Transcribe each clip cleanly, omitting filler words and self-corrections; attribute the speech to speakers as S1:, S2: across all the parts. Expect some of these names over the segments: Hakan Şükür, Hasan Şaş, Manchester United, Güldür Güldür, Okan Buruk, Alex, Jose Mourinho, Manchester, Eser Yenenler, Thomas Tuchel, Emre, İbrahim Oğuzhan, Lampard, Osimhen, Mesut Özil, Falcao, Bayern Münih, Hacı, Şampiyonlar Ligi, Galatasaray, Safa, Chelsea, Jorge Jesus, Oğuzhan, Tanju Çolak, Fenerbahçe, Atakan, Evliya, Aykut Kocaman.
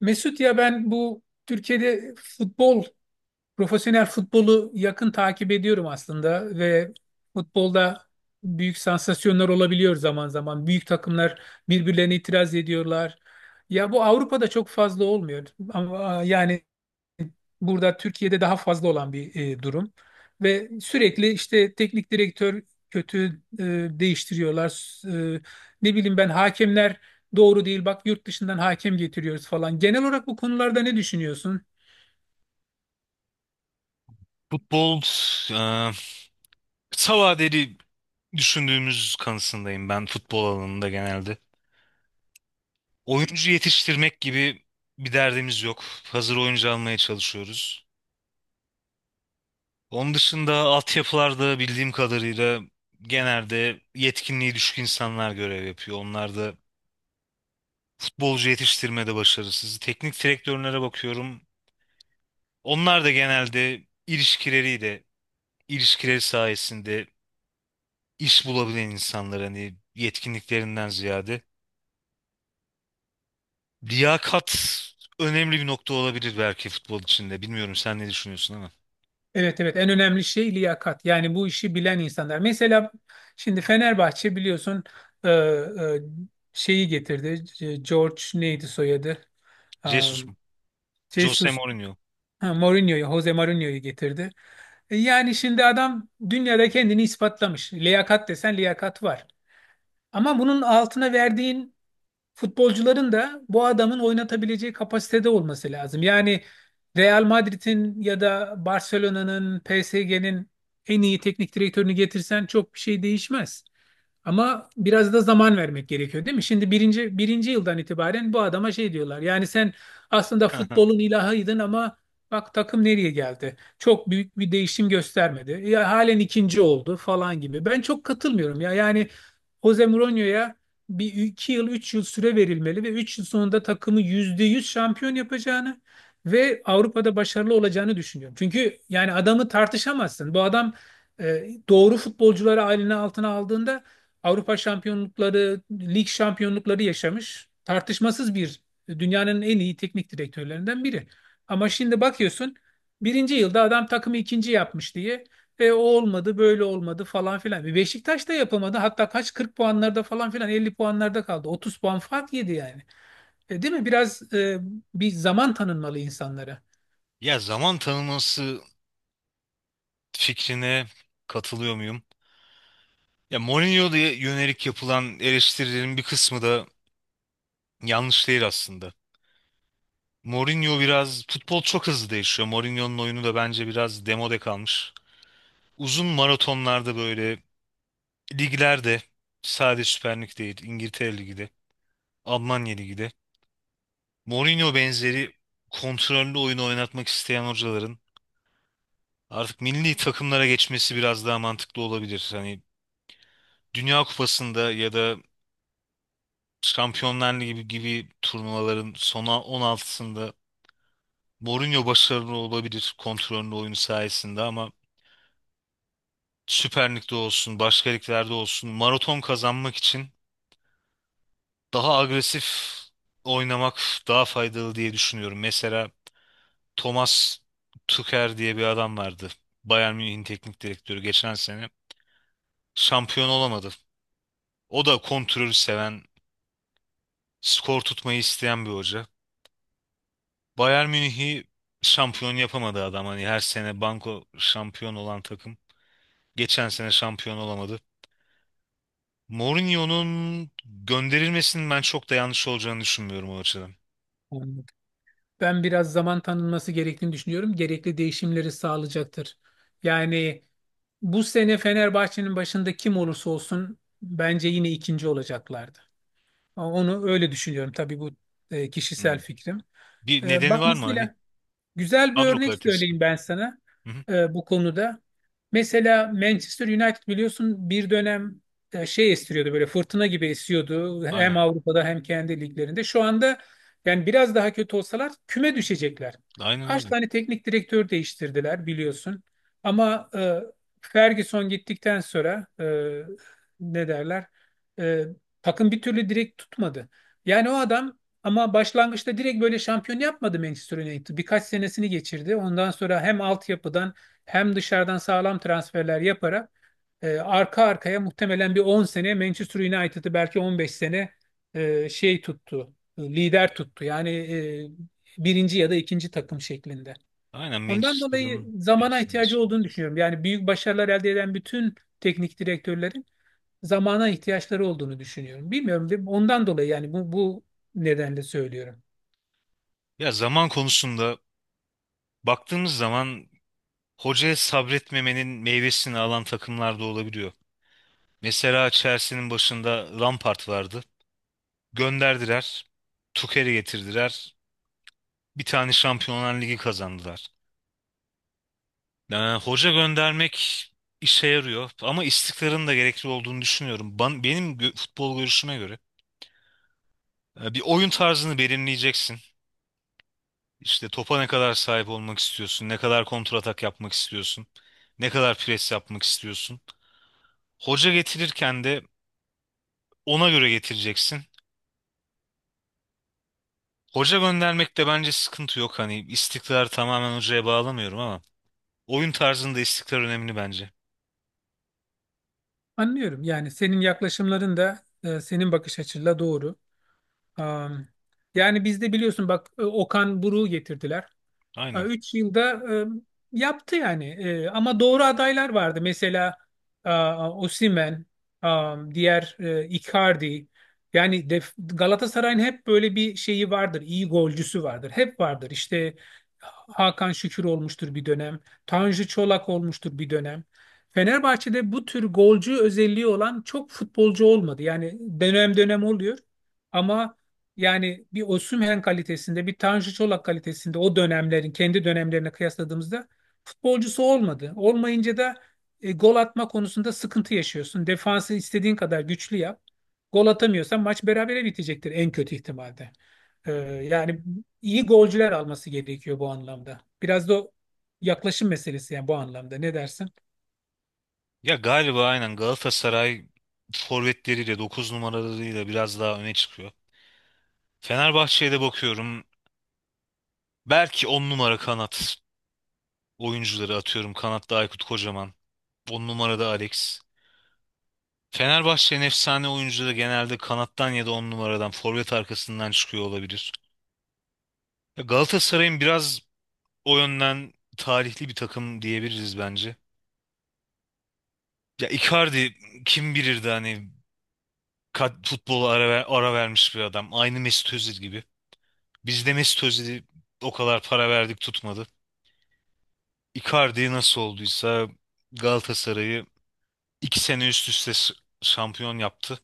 S1: Mesut, ya ben bu Türkiye'de futbol, profesyonel futbolu yakın takip ediyorum aslında. Ve futbolda büyük sansasyonlar olabiliyor zaman zaman. Büyük takımlar birbirlerine itiraz ediyorlar. Ya bu Avrupa'da çok fazla olmuyor. Ama yani burada Türkiye'de daha fazla olan bir durum. Ve sürekli işte teknik direktör kötü e, değiştiriyorlar. e, Ne bileyim, ben hakemler doğru değil, bak yurt dışından hakem getiriyoruz falan. Genel olarak bu konularda ne düşünüyorsun?
S2: Futbol, e, kısa vadeli düşündüğümüz kanısındayım ben futbol alanında genelde. Oyuncu yetiştirmek gibi bir derdimiz yok. Hazır oyuncu almaya çalışıyoruz. Onun dışında altyapılarda bildiğim kadarıyla genelde yetkinliği düşük insanlar görev yapıyor. Onlar da futbolcu yetiştirmede başarısız. Teknik direktörlere bakıyorum. Onlar da genelde ilişkileriyle, ilişkileri sayesinde iş bulabilen insanlar hani yetkinliklerinden ziyade. Liyakat önemli bir nokta olabilir belki futbol içinde. Bilmiyorum sen ne düşünüyorsun ama.
S1: Evet, evet, en önemli şey liyakat. Yani bu işi bilen insanlar. Mesela şimdi Fenerbahçe biliyorsun e, e, şeyi getirdi. E, George neydi soyadı?
S2: Jesus
S1: Um,
S2: mu? Jose
S1: Jesus,
S2: Mourinho.
S1: ha, Mourinho'yu, Jose Mourinho'yu getirdi. E, yani şimdi adam dünyada kendini ispatlamış. Liyakat desen liyakat var. Ama bunun altına verdiğin futbolcuların da bu adamın oynatabileceği kapasitede olması lazım. Yani Real Madrid'in ya da Barcelona'nın, PSG'nin en iyi teknik direktörünü getirsen çok bir şey değişmez. Ama biraz da zaman vermek gerekiyor değil mi? Şimdi birinci yıldan itibaren bu adama şey diyorlar. Yani sen aslında futbolun ilahıydın ama bak takım nereye geldi? Çok büyük bir değişim göstermedi. Ya halen ikinci oldu falan gibi. Ben çok katılmıyorum ya. Yani Jose Mourinho'ya bir iki yıl, üç yıl süre verilmeli ve üç yıl sonunda takımı %100 şampiyon yapacağını ve Avrupa'da başarılı olacağını düşünüyorum. Çünkü yani adamı tartışamazsın. Bu adam doğru futbolcuları eline altına aldığında Avrupa şampiyonlukları, lig şampiyonlukları yaşamış. Tartışmasız bir dünyanın en iyi teknik direktörlerinden biri. Ama şimdi bakıyorsun birinci yılda adam takımı ikinci yapmış diye o olmadı, böyle olmadı falan filan. E, Beşiktaş da yapamadı. Hatta kaç 40 puanlarda falan filan 50 puanlarda kaldı. 30 puan fark yedi yani. E, değil mi? Biraz bir zaman tanınmalı insanlara.
S2: Ya zaman tanıması fikrine katılıyor muyum? Ya Mourinho'ya yönelik yapılan eleştirilerin bir kısmı da yanlış değil aslında. Mourinho biraz futbol çok hızlı değişiyor. Mourinho'nun oyunu da bence biraz demode kalmış. Uzun maratonlarda böyle liglerde sadece Süper Lig değil, İngiltere Ligi de, Almanya Ligi de Mourinho benzeri kontrollü oyun oynatmak isteyen hocaların artık milli takımlara geçmesi biraz daha mantıklı olabilir. Hani Dünya Kupası'nda ya da Şampiyonlar Ligi gibi turnuvaların sona 16'sında Mourinho başarılı olabilir kontrollü oyunu sayesinde ama Süper Lig'de olsun, başka liglerde olsun maraton kazanmak için daha agresif oynamak daha faydalı diye düşünüyorum. Mesela Thomas Tuchel diye bir adam vardı. Bayern Münih'in teknik direktörü geçen sene şampiyon olamadı. O da kontrolü seven, skor tutmayı isteyen bir hoca. Bayern Münih'i şampiyon yapamadı adam. Hani her sene banko şampiyon olan takım. Geçen sene şampiyon olamadı. Mourinho'nun gönderilmesinin ben çok da yanlış olacağını düşünmüyorum o açıdan.
S1: Anladım. Ben biraz zaman tanınması gerektiğini düşünüyorum. Gerekli değişimleri sağlayacaktır. Yani bu sene Fenerbahçe'nin başında kim olursa olsun bence yine ikinci olacaklardı. Onu öyle düşünüyorum. Tabii bu
S2: Hı.
S1: kişisel fikrim.
S2: Bir
S1: E,
S2: nedeni
S1: bak
S2: var mı hani?
S1: mesela güzel bir
S2: Kadro
S1: örnek
S2: kalitesi mi?
S1: söyleyeyim ben sana
S2: Hı hı.
S1: bu konuda. Mesela Manchester United biliyorsun bir dönem şey estiriyordu, böyle fırtına gibi esiyordu
S2: Aynen.
S1: hem Avrupa'da hem kendi liglerinde. Şu anda yani biraz daha kötü olsalar küme düşecekler.
S2: Aynen
S1: Kaç
S2: öyle.
S1: tane teknik direktör değiştirdiler biliyorsun. Ama Ferguson gittikten sonra ne derler, e, takım bir türlü direkt tutmadı. Yani o adam ama başlangıçta direkt böyle şampiyon yapmadı Manchester United. Birkaç senesini geçirdi. Ondan sonra hem altyapıdan hem dışarıdan sağlam transferler yaparak arka arkaya muhtemelen bir 10 sene Manchester United'ı, belki 15 sene lider tuttu. Yani birinci ya da ikinci takım şeklinde.
S2: Aynen
S1: Ondan dolayı
S2: Manchester'ın
S1: zamana
S2: hepsinde.
S1: ihtiyacı olduğunu düşünüyorum. Yani büyük başarılar elde eden bütün teknik direktörlerin zamana ihtiyaçları olduğunu düşünüyorum. Bilmiyorum, ondan dolayı yani bu nedenle söylüyorum.
S2: Ya zaman konusunda baktığımız zaman hocaya sabretmemenin meyvesini alan takımlar da olabiliyor. Mesela Chelsea'nin başında Lampard vardı. Gönderdiler. Tuchel'i getirdiler. Bir tane Şampiyonlar Ligi kazandılar. Yani hoca göndermek işe yarıyor ama istikrarın da gerekli olduğunu düşünüyorum. Benim futbol görüşüme göre bir oyun tarzını belirleyeceksin. İşte topa ne kadar sahip olmak istiyorsun, ne kadar kontratak yapmak istiyorsun, ne kadar pres yapmak istiyorsun. Hoca getirirken de ona göre getireceksin. Hoca göndermekte bence sıkıntı yok. Hani istikrar tamamen hocaya bağlamıyorum ama oyun tarzında istikrar önemli bence.
S1: Anlıyorum. Yani senin yaklaşımların da senin bakış açınla doğru. Am, Yani bizde biliyorsun bak Okan Buruk'u getirdiler. Ha,
S2: Aynen.
S1: üç yılda yaptı yani. E, ama doğru adaylar vardı. Mesela Osimhen, diğer Icardi. Yani Galatasaray'ın hep böyle bir şeyi vardır. İyi golcüsü vardır. Hep vardır. İşte Hakan Şükür olmuştur bir dönem. Tanju Çolak olmuştur bir dönem. Fenerbahçe'de bu tür golcü özelliği olan çok futbolcu olmadı. Yani dönem dönem oluyor. Ama yani bir Osimhen kalitesinde, bir Tanju Çolak kalitesinde o dönemlerin kendi dönemlerine kıyasladığımızda futbolcusu olmadı. Olmayınca da gol atma konusunda sıkıntı yaşıyorsun. Defansı istediğin kadar güçlü yap. Gol atamıyorsan maç berabere bitecektir en kötü ihtimalde. Yani iyi golcüler alması gerekiyor bu anlamda. Biraz da o yaklaşım meselesi yani bu anlamda. Ne dersin?
S2: Ya galiba aynen Galatasaray forvetleriyle 9 numaralarıyla biraz daha öne çıkıyor. Fenerbahçe'ye de bakıyorum. Belki 10 numara kanat oyuncuları atıyorum. Kanatta Aykut Kocaman. 10 numarada Alex. Fenerbahçe'nin efsane oyuncuları genelde kanattan ya da 10 numaradan forvet arkasından çıkıyor olabilir. Ya Galatasaray'ın biraz o yönden tarihli bir takım diyebiliriz bence. Ya Icardi kim bilirdi hani futbola ara vermiş bir adam. Aynı Mesut Özil gibi. Biz de Mesut Özil'i o kadar para verdik tutmadı. Icardi nasıl olduysa Galatasaray'ı 2 sene üst üste şampiyon yaptı.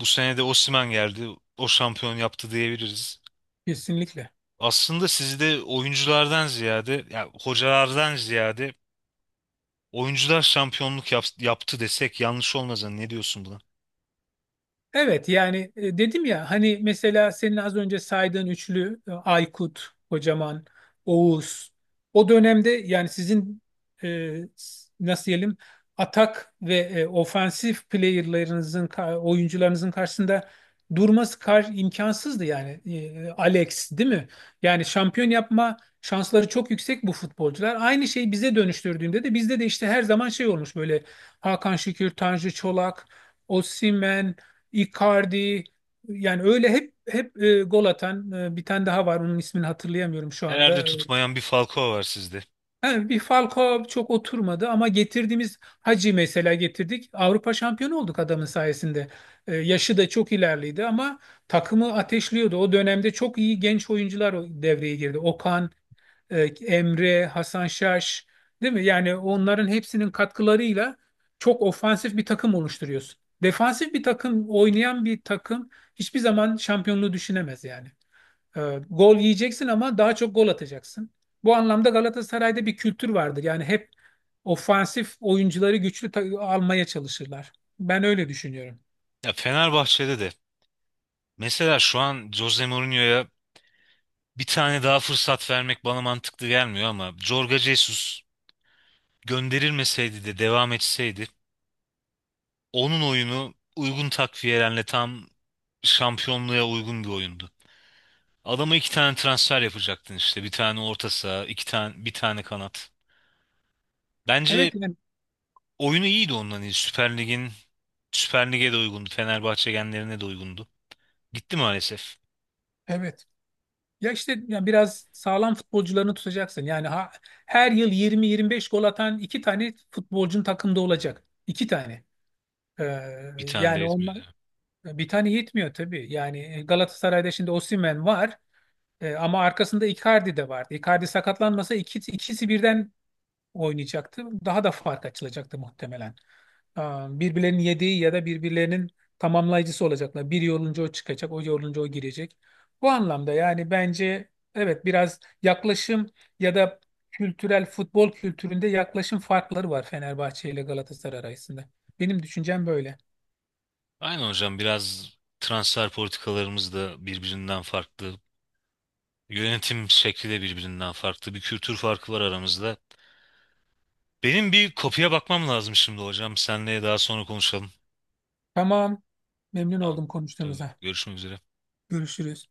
S2: Bu sene de Osimhen geldi. O şampiyon yaptı diyebiliriz.
S1: Kesinlikle.
S2: Aslında sizi de oyunculardan ziyade, ya hocalardan ziyade oyuncular şampiyonluk yaptı desek yanlış olmaz. Hani ne diyorsun buna?
S1: Evet, yani dedim ya hani, mesela senin az önce saydığın üçlü, Aykut, Kocaman, Oğuz, o dönemde yani sizin nasıl diyelim, atak ve ofansif oyuncularınızın karşısında durması kar imkansızdı yani. E, Alex değil mi? Yani şampiyon yapma şansları çok yüksek bu futbolcular. Aynı şey bize dönüştürdüğünde de bizde de işte her zaman şey olmuş böyle, Hakan Şükür, Tanju Çolak, Osimhen, Icardi. Yani öyle hep gol atan, bir tane daha var, onun ismini hatırlayamıyorum şu
S2: Nerede
S1: anda.
S2: tutmayan bir Falcao var sizde.
S1: Ha, bir Falcao çok oturmadı ama getirdiğimiz Hacı mesela, getirdik. Avrupa şampiyonu olduk adamın sayesinde. E, yaşı da çok ilerliydi ama takımı ateşliyordu. O dönemde çok iyi genç oyuncular devreye girdi. Okan, e, Emre, Hasan Şaş, değil mi? Yani onların hepsinin katkılarıyla çok ofansif bir takım oluşturuyorsun. Defansif bir takım, oynayan bir takım hiçbir zaman şampiyonluğu düşünemez yani. E, gol yiyeceksin ama daha çok gol atacaksın. Bu anlamda Galatasaray'da bir kültür vardır. Yani hep ofansif oyuncuları güçlü almaya çalışırlar. Ben öyle düşünüyorum.
S2: Ya Fenerbahçe'de de. Mesela şu an Jose Mourinho'ya bir tane daha fırsat vermek bana mantıklı gelmiyor ama Jorge Jesus gönderilmeseydi de devam etseydi onun oyunu uygun takviyelerle tam şampiyonluğa uygun bir oyundu. Adama 2 tane transfer yapacaktın işte. Bir tane orta saha, 2 tane, bir tane kanat. Bence
S1: Evet yani.
S2: oyunu iyiydi onların. Süper Lig'in Süper Lig'e de uygundu. Fenerbahçe genlerine de uygundu. Gitti maalesef.
S1: Evet. Ya işte yani biraz sağlam futbolcularını tutacaksın. Yani her yıl 20-25 gol atan iki tane futbolcun takımda olacak. İki tane. Ee,
S2: Bir tane de
S1: Yani onlar,
S2: yetmiyordu.
S1: bir tane yetmiyor tabii. Yani Galatasaray'da şimdi Osimhen var. Ama arkasında Icardi de vardı. Icardi sakatlanmasa ikisi birden oynayacaktı. Daha da fark açılacaktı muhtemelen. Birbirlerinin yediği ya da birbirlerinin tamamlayıcısı olacaklar. Biri yorulunca o çıkacak, o yorulunca o girecek. Bu anlamda yani bence evet, biraz yaklaşım ya da kültürel futbol kültüründe yaklaşım farkları var Fenerbahçe ile Galatasaray arasında. Benim düşüncem böyle.
S2: Aynen hocam biraz transfer politikalarımız da birbirinden farklı. Yönetim şekli de birbirinden farklı. Bir kültür farkı var aramızda. Benim bir kopya bakmam lazım şimdi hocam. Senle daha sonra konuşalım.
S1: Tamam. Memnun
S2: Tamam.
S1: oldum
S2: Tabii,
S1: konuştuğumuza.
S2: görüşmek üzere.
S1: Görüşürüz.